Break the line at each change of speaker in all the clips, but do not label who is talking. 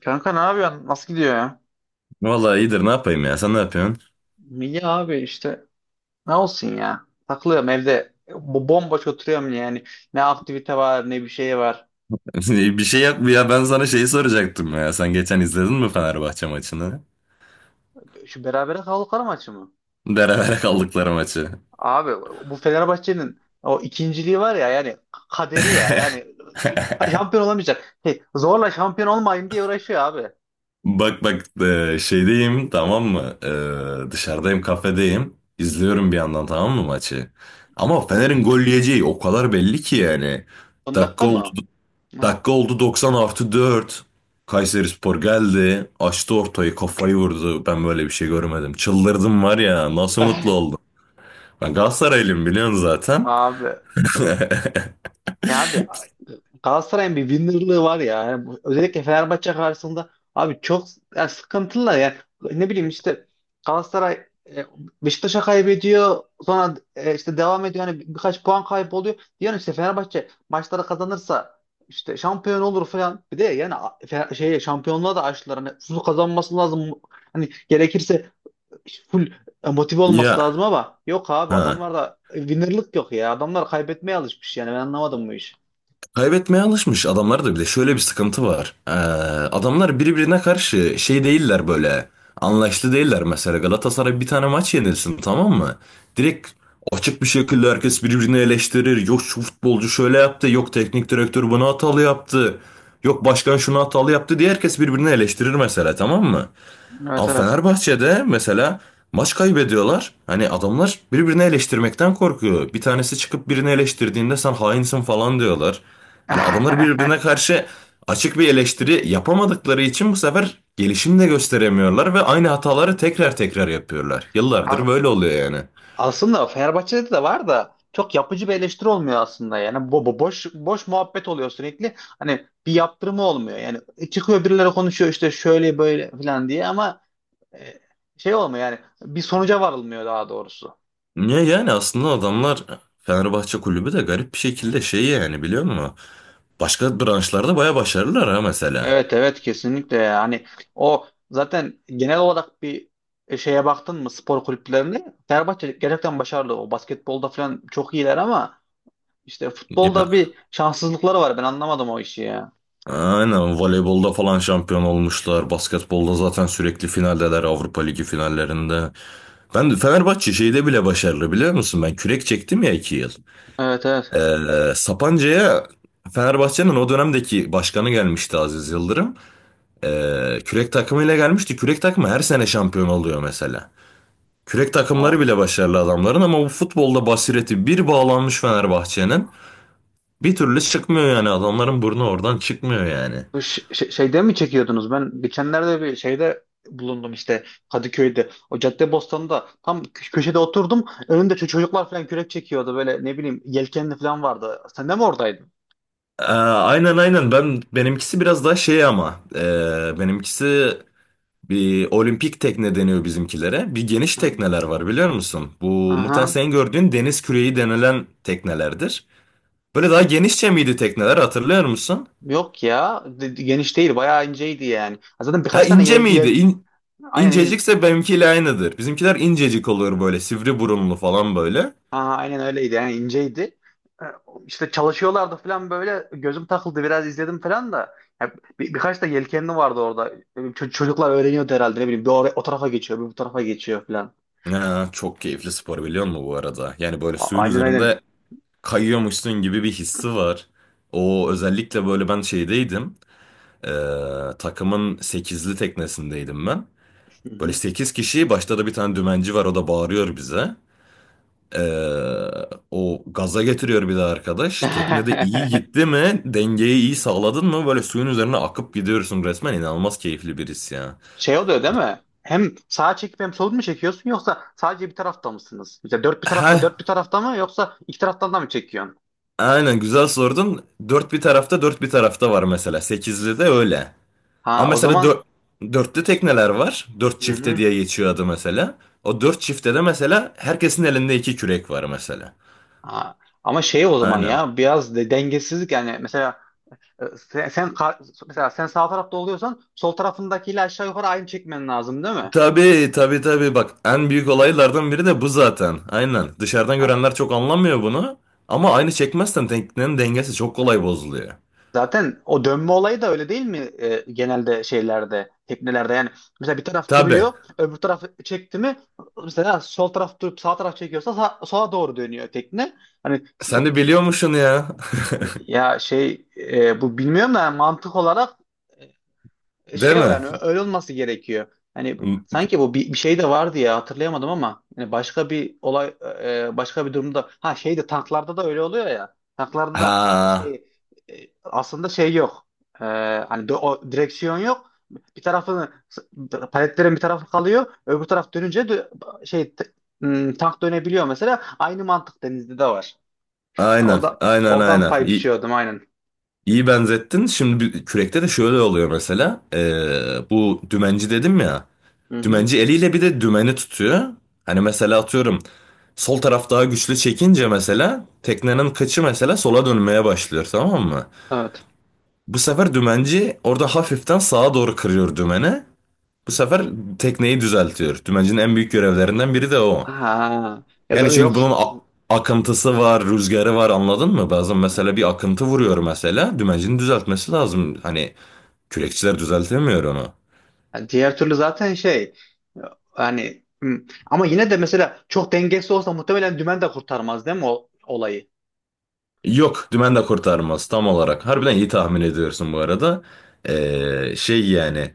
Kanka ne yapıyorsun? Nasıl gidiyor ya?
Vallahi iyidir, ne yapayım ya, sen ne yapıyorsun?
İyi abi işte. Ne olsun ya? Takılıyorum evde. Bomboş oturuyorum yani. Ne aktivite var ne bir şey var.
Bir şey yap ya, ben sana şeyi soracaktım ya, sen geçen izledin mi Fenerbahçe maçını?
Şu berabere kaldıkları maçı mı?
Berabere kaldıkları maçı.
Abi bu Fenerbahçe'nin o ikinciliği var ya, yani kaderi ya, yani şampiyon olamayacak. Hey, zorla şampiyon olmayayım diye uğraşıyor abi.
Bak bak, şeydeyim, tamam mı? Dışarıdayım, kafedeyim. İzliyorum bir yandan, tamam mı maçı? Ama Fener'in gol yiyeceği o kadar belli ki yani.
Son dakika
Dakika oldu,
mı?
Dakika oldu, 90 artı 4. Kayserispor geldi. Açtı ortayı, kafayı vurdu. Ben böyle bir şey görmedim. Çıldırdım var ya, nasıl mutlu. Ben Galatasaraylıyım, biliyorsun zaten.
Abi Abi, Galatasaray'ın bir winner'lığı var ya. Özellikle Fenerbahçe karşısında abi çok, yani sıkıntılar yani. Ne bileyim işte, Galatasaray Beşiktaş'a kaybediyor. Sonra işte devam ediyor. Yani birkaç puan kayboluyor. Diyorsun işte Fenerbahçe maçları kazanırsa işte şampiyon olur falan. Bir de yani şey, şampiyonluğa da açtılar. Hani full kazanması lazım. Hani gerekirse full motive olması
Ya,
lazım, ama yok abi,
ha.
adamlarda winner'lık yok ya. Adamlar kaybetmeye alışmış yani. Ben anlamadım bu işi.
Kaybetmeye alışmış adamlar da bir de şöyle bir sıkıntı var. Adamlar birbirine karşı şey değiller böyle. Anlaştı değiller mesela. Galatasaray bir tane maç yenilsin, tamam mı? Direkt açık bir şekilde herkes birbirini eleştirir. Yok, şu futbolcu şöyle yaptı. Yok, teknik direktör bunu hatalı yaptı. Yok, başkan şunu hatalı yaptı diye herkes birbirini eleştirir mesela, tamam mı?
Evet,
Ama
evet.
Fenerbahçe'de mesela maç kaybediyorlar. Hani adamlar birbirini eleştirmekten korkuyor. Bir tanesi çıkıp birini eleştirdiğinde sen hainsin falan diyorlar. Hani adamlar
A-
birbirine karşı açık bir eleştiri yapamadıkları için bu sefer gelişim de gösteremiyorlar ve aynı hataları tekrar tekrar yapıyorlar. Yıllardır böyle oluyor yani.
Aslında Fenerbahçe'de de var da çok yapıcı bir eleştiri olmuyor aslında. Yani bu boş boş muhabbet oluyor sürekli. Hani bir yaptırımı olmuyor. Yani çıkıyor birileri konuşuyor işte şöyle böyle falan diye, ama e, şey olmuyor yani, bir sonuca varılmıyor daha doğrusu.
Niye yani, aslında adamlar Fenerbahçe kulübü de garip bir şekilde şey yani, biliyor musun? Başka branşlarda baya başarılılar, ha, mesela.
Evet, evet, kesinlikle. Yani o zaten genel olarak bir şeye baktın mı spor kulüplerine, Fenerbahçe gerçekten başarılı. O basketbolda falan çok iyiler, ama işte futbolda
Ya,
bir şanssızlıkları var. Ben anlamadım o işi ya.
aynen, voleybolda falan şampiyon olmuşlar. Basketbolda zaten sürekli finaldeler, Avrupa Ligi finallerinde. Ben de Fenerbahçe şeyde bile başarılı, biliyor musun? Ben kürek çektim ya, 2 yıl.
Evet, evet.
Sapanca'ya Fenerbahçe'nin o dönemdeki başkanı gelmişti, Aziz Yıldırım. Kürek takımıyla gelmişti. Kürek takımı her sene şampiyon oluyor mesela. Kürek takımları
O
bile başarılı adamların, ama bu futbolda basireti bir bağlanmış Fenerbahçe'nin. Bir türlü çıkmıyor yani, adamların burnu oradan çıkmıyor yani.
şeyde mi çekiyordunuz? Ben geçenlerde bir şeyde bulundum işte, Kadıköy'de. O Caddebostan'da tam köşede oturdum. Önümde çocuklar falan kürek çekiyordu. Böyle ne bileyim yelkenli falan vardı. Sen de mi oradaydın?
Aynen aynen, benimkisi biraz daha şey ama benimkisi bir olimpik tekne deniyor bizimkilere. Bir geniş
Hı.
tekneler var, biliyor musun? Bu muhtemelen
Aha.
senin gördüğün deniz küreği denilen teknelerdir. Böyle daha genişçe miydi tekneler, hatırlıyor musun?
Yok ya. Geniş değil. Bayağı inceydi yani. Zaten
Ha,
birkaç tane
ince miydi?
aynen.
İncecikse benimkiyle aynıdır. Bizimkiler incecik olur, böyle sivri burunlu falan böyle.
Ha, aynen öyleydi yani, inceydi. E, İşte çalışıyorlardı falan, böyle gözüm takıldı, biraz izledim falan da. Ya, birkaç da yelkenli vardı orada. Çocuklar öğreniyordu herhalde, ne bileyim, bir oraya, o tarafa geçiyor, bir bu tarafa geçiyor falan.
Ya, çok keyifli spor, biliyor musun bu arada? Yani böyle suyun
Aynen,
üzerinde
aynen.
kayıyormuşsun gibi bir hissi var. O özellikle böyle, ben şeydeydim. Ee, Takımın sekizli teknesindeydim ben.
Hı
Böyle
hı.
8 kişi, başta da bir tane dümenci var, o da bağırıyor bize. O gaza getiriyor bir de arkadaş. Teknede iyi gitti mi? Dengeyi iyi sağladın mı? Böyle suyun üzerine akıp gidiyorsun resmen. İnanılmaz keyifli bir his ya.
Şey oluyor değil mi? Hem sağa çekip hem sol mu çekiyorsun, yoksa sadece bir tarafta mısınız? Mesela dört bir tarafta
Heh,
dört bir tarafta mı, yoksa iki taraftan da mı çekiyorsun?
aynen, güzel sordun. Dört bir tarafta dört bir tarafta var mesela. Sekizli de öyle.
Ha,
Ama
o
mesela
zaman
dörtte tekneler var. Dört
hı
çifte
hı.
diye geçiyor adı mesela. O dört çifte de mesela herkesin elinde iki kürek var mesela.
Ha, ama şey o zaman
Aynen.
ya, biraz de dengesizlik yani mesela. E, Sen, sen kar- Mesela sen sağ tarafta oluyorsan sol tarafındakiyle aşağı yukarı aynı çekmen lazım değil mi?
Tabii tabii tabii, bak, en büyük olaylardan biri de bu zaten. Aynen. Dışarıdan
Ha,
görenler çok anlamıyor bunu. Ama aynı çekmezsen teknenin dengesi çok kolay bozuluyor.
zaten o dönme olayı da öyle değil mi genelde şeylerde, teknelerde yani. Mesela bir taraf
Tabii.
duruyor, öbür taraf çekti mi, mesela sol taraf durup sağ taraf çekiyorsa sola doğru dönüyor tekne. Hani s-
Sen de biliyormuşsun ya.
Ya şey, bu bilmiyorum da yani mantık olarak
Değil
şey o
mi?
yani, öyle olması gerekiyor. Hani sanki bu bir şey de vardı ya, hatırlayamadım ama yani başka bir olay, başka bir durumda. Ha, şey de tanklarda da öyle oluyor ya. Tanklarda da
Ha,
şey, e, aslında şey yok. E, Hani o direksiyon yok. Bir tarafını Paletlerin bir tarafı kalıyor. Öbür taraf dönünce tank dönebiliyor mesela. Aynı mantık denizde de var. Yani
aynen aynen
oradan
aynen.
pay
İyi,
biçiyordum aynen.
İyi benzettin. Şimdi kürekte de şöyle oluyor mesela. Bu dümenci dedim ya.
Hı hı.
Dümenci eliyle bir de dümeni tutuyor. Hani mesela atıyorum, sol taraf daha güçlü çekince mesela teknenin kıçı mesela sola dönmeye başlıyor, tamam mı?
Evet.
Bu sefer dümenci orada hafiften sağa doğru kırıyor dümeni. Bu sefer tekneyi düzeltiyor. Dümencinin en büyük görevlerinden biri de o.
Ha. Ya
Yani
da
çünkü
yok.
bunun akıntısı var, rüzgarı var, anladın mı? Bazen mesela bir akıntı vuruyor mesela. Dümencinin düzeltmesi lazım. Hani kürekçiler düzeltemiyor onu.
Yani diğer türlü zaten şey yani, ama yine de mesela çok dengesiz olsa muhtemelen dümen de kurtarmaz değil mi o olayı?
Yok, dümen de kurtarmaz tam olarak. Harbiden iyi tahmin ediyorsun bu arada. Şey yani,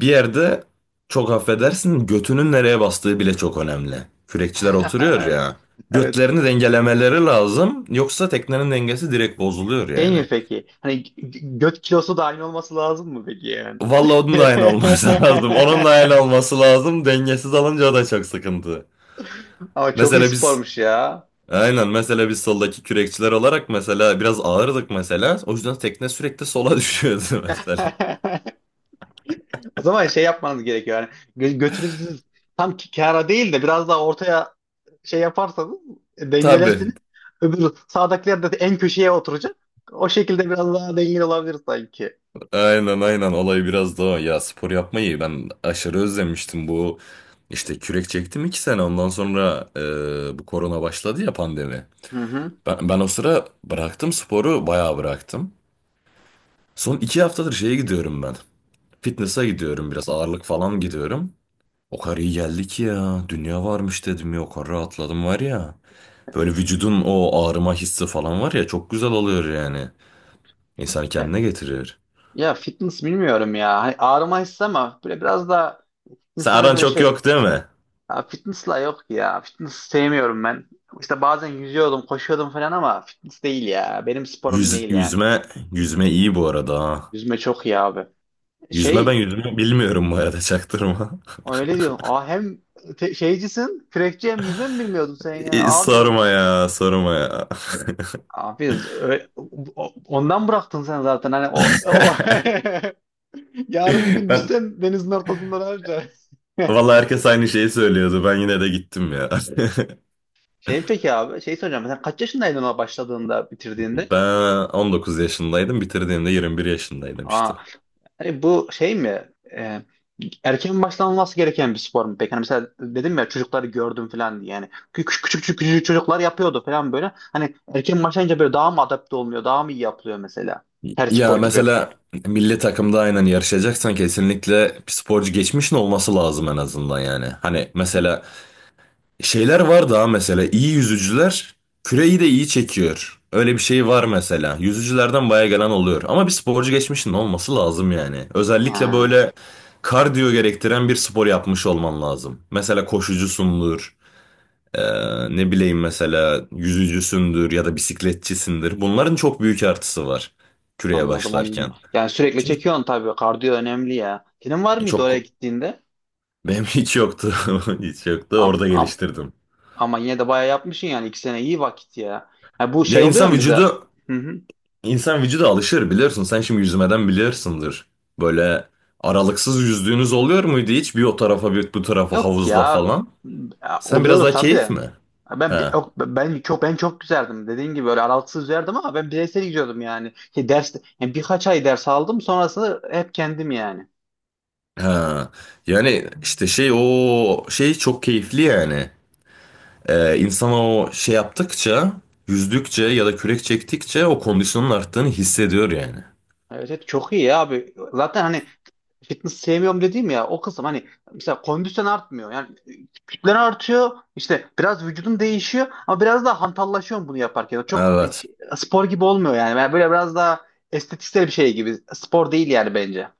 bir yerde çok affedersin götünün nereye bastığı bile çok önemli. Kürekçiler oturuyor ya.
Evet.
Götlerini dengelemeleri lazım. Yoksa teknenin dengesi direkt bozuluyor
Şey mi
yani.
peki? Hani göt kilosu da aynı olması lazım mı peki yani?
Vallahi onun da aynı olması lazım. Onun da aynı olması lazım. Dengesiz alınca o da çok sıkıntı.
Ama çok iyi
Mesela biz
spormuş ya.
Aynen, mesela biz soldaki kürekçiler olarak mesela biraz ağırdık mesela. O yüzden tekne sürekli sola düşüyordu mesela.
O zaman şey yapmanız gerekiyor. Yani götünüzü tam kara değil de biraz daha ortaya şey yaparsanız dengelersiniz.
Tabii.
Öbür sağdakiler de en köşeye oturacak. O şekilde biraz daha dengeli olabilir sanki.
Aynen aynen, olay biraz da o. Ya, spor yapmayı ben aşırı özlemiştim. Bu işte kürek çektim 2 sene, ondan sonra bu korona başladı ya, pandemi.
Hı hı.
Ben o sıra bıraktım sporu, bayağı bıraktım. Son 2 haftadır şeye gidiyorum ben. Fitness'a gidiyorum, biraz ağırlık falan gidiyorum. O kadar iyi geldi ki ya, dünya varmış dedim ya, o kadar rahatladım var ya. Böyle vücudun o ağrıma hissi falan var ya, çok güzel oluyor yani. İnsanı
Ya,
kendine getiriyor.
ya fitness bilmiyorum ya. Hani ağrıma hissi, ama böyle biraz daha
Sen
insana
aran
böyle
çok
şey,
yok değil mi?
ya fitness'la yok ya. Fitness sevmiyorum ben. İşte bazen yüzüyordum, koşuyordum falan, ama fitness değil ya. Benim sporum
Yüz,
değil yani.
yüzme, yüzme iyi bu arada, ha.
Yüzme çok iyi abi.
Yüzme, ben
Şey,
yüzme bilmiyorum bu arada, çaktırma.
öyle diyorum. Aa, hem şeycisin, kürekçi, hem yüzme mi bilmiyordun sen ya
İyi,
abi?
sorma ya, sorma ya.
Abi ö- Ondan bıraktın sen zaten hani o yarın bir gün
Ben,
düşsen denizin ortasında ne yapacaksın?
vallahi herkes aynı şeyi söylüyordu. Ben yine de gittim ya.
Şey peki abi, şey soracağım, sen kaç yaşındaydın ona başladığında, bitirdiğinde?
Ben 19 yaşındaydım, bitirdiğimde 21 yaşındaydım
Aa,
işte.
hani bu şey mi erken başlanması gereken bir spor mu peki? Hani mesela dedim ya, çocukları gördüm falan diye, yani küçük çocuklar yapıyordu falan böyle, hani erken başlayınca böyle daha mı adapte olmuyor, daha mı iyi yapılıyor mesela her spor
Ya
gibi?
mesela milli takımda aynen yarışacaksan kesinlikle bir sporcu geçmişin olması lazım, en azından yani. Hani mesela şeyler var daha, mesela iyi yüzücüler küreyi de iyi çekiyor. Öyle bir şey var mesela. Yüzücülerden baya gelen oluyor. Ama bir sporcu geçmişin olması lazım yani. Özellikle
Ha.
böyle kardiyo gerektiren bir spor yapmış olman lazım. Mesela koşucusundur. Ne bileyim, mesela yüzücüsündür ya da bisikletçisindir. Bunların çok büyük artısı var küreye
Anladım, anladım.
başlarken.
Yani sürekli
Çünkü
çekiyorsun tabii. Kardiyo önemli ya. Senin var mıydı oraya
çok
gittiğinde?
benim hiç yoktu. Hiç yoktu.
Am,
Orada
am,
geliştirdim.
Ama yine de bayağı yapmışsın yani. 2 sene iyi vakit ya. Ya bu
Ya,
şey oluyor
insan
mu bize?
vücudu
Hı hı.
insan vücudu alışır, biliyorsun. Sen şimdi yüzmeden biliyorsundur. Böyle aralıksız yüzdüğünüz oluyor muydu hiç? Bir o tarafa bir bu tarafa
Yok
havuzla
ya.
falan.
Ya,
Sen biraz
oluyordu
daha
tabii
keyif
de.
mi?
Ya Ben
Ha.
yok, ben çok Ben çok güzeldim. Dediğin gibi öyle aralıksız üzerdim, ama ben bireysel gidiyordum yani. Şey, ders, yani birkaç ay ders aldım, sonrasında hep kendim yani.
Ha. Yani işte şey o şey çok keyifli yani. İnsana o şey yaptıkça, yüzdükçe ya da kürek çektikçe o kondisyonun arttığını hissediyor yani.
Evet, evet, çok iyi ya abi. Zaten hani fitness sevmiyorum dediğim ya, o kısım hani mesela kondisyon artmıyor. Yani kütlen artıyor. İşte biraz vücudun değişiyor, ama biraz daha hantallaşıyorsun bunu yaparken. Çok
Evet.
şey, spor gibi olmuyor yani. Yani böyle biraz daha estetiksel bir şey gibi. Spor değil yani bence.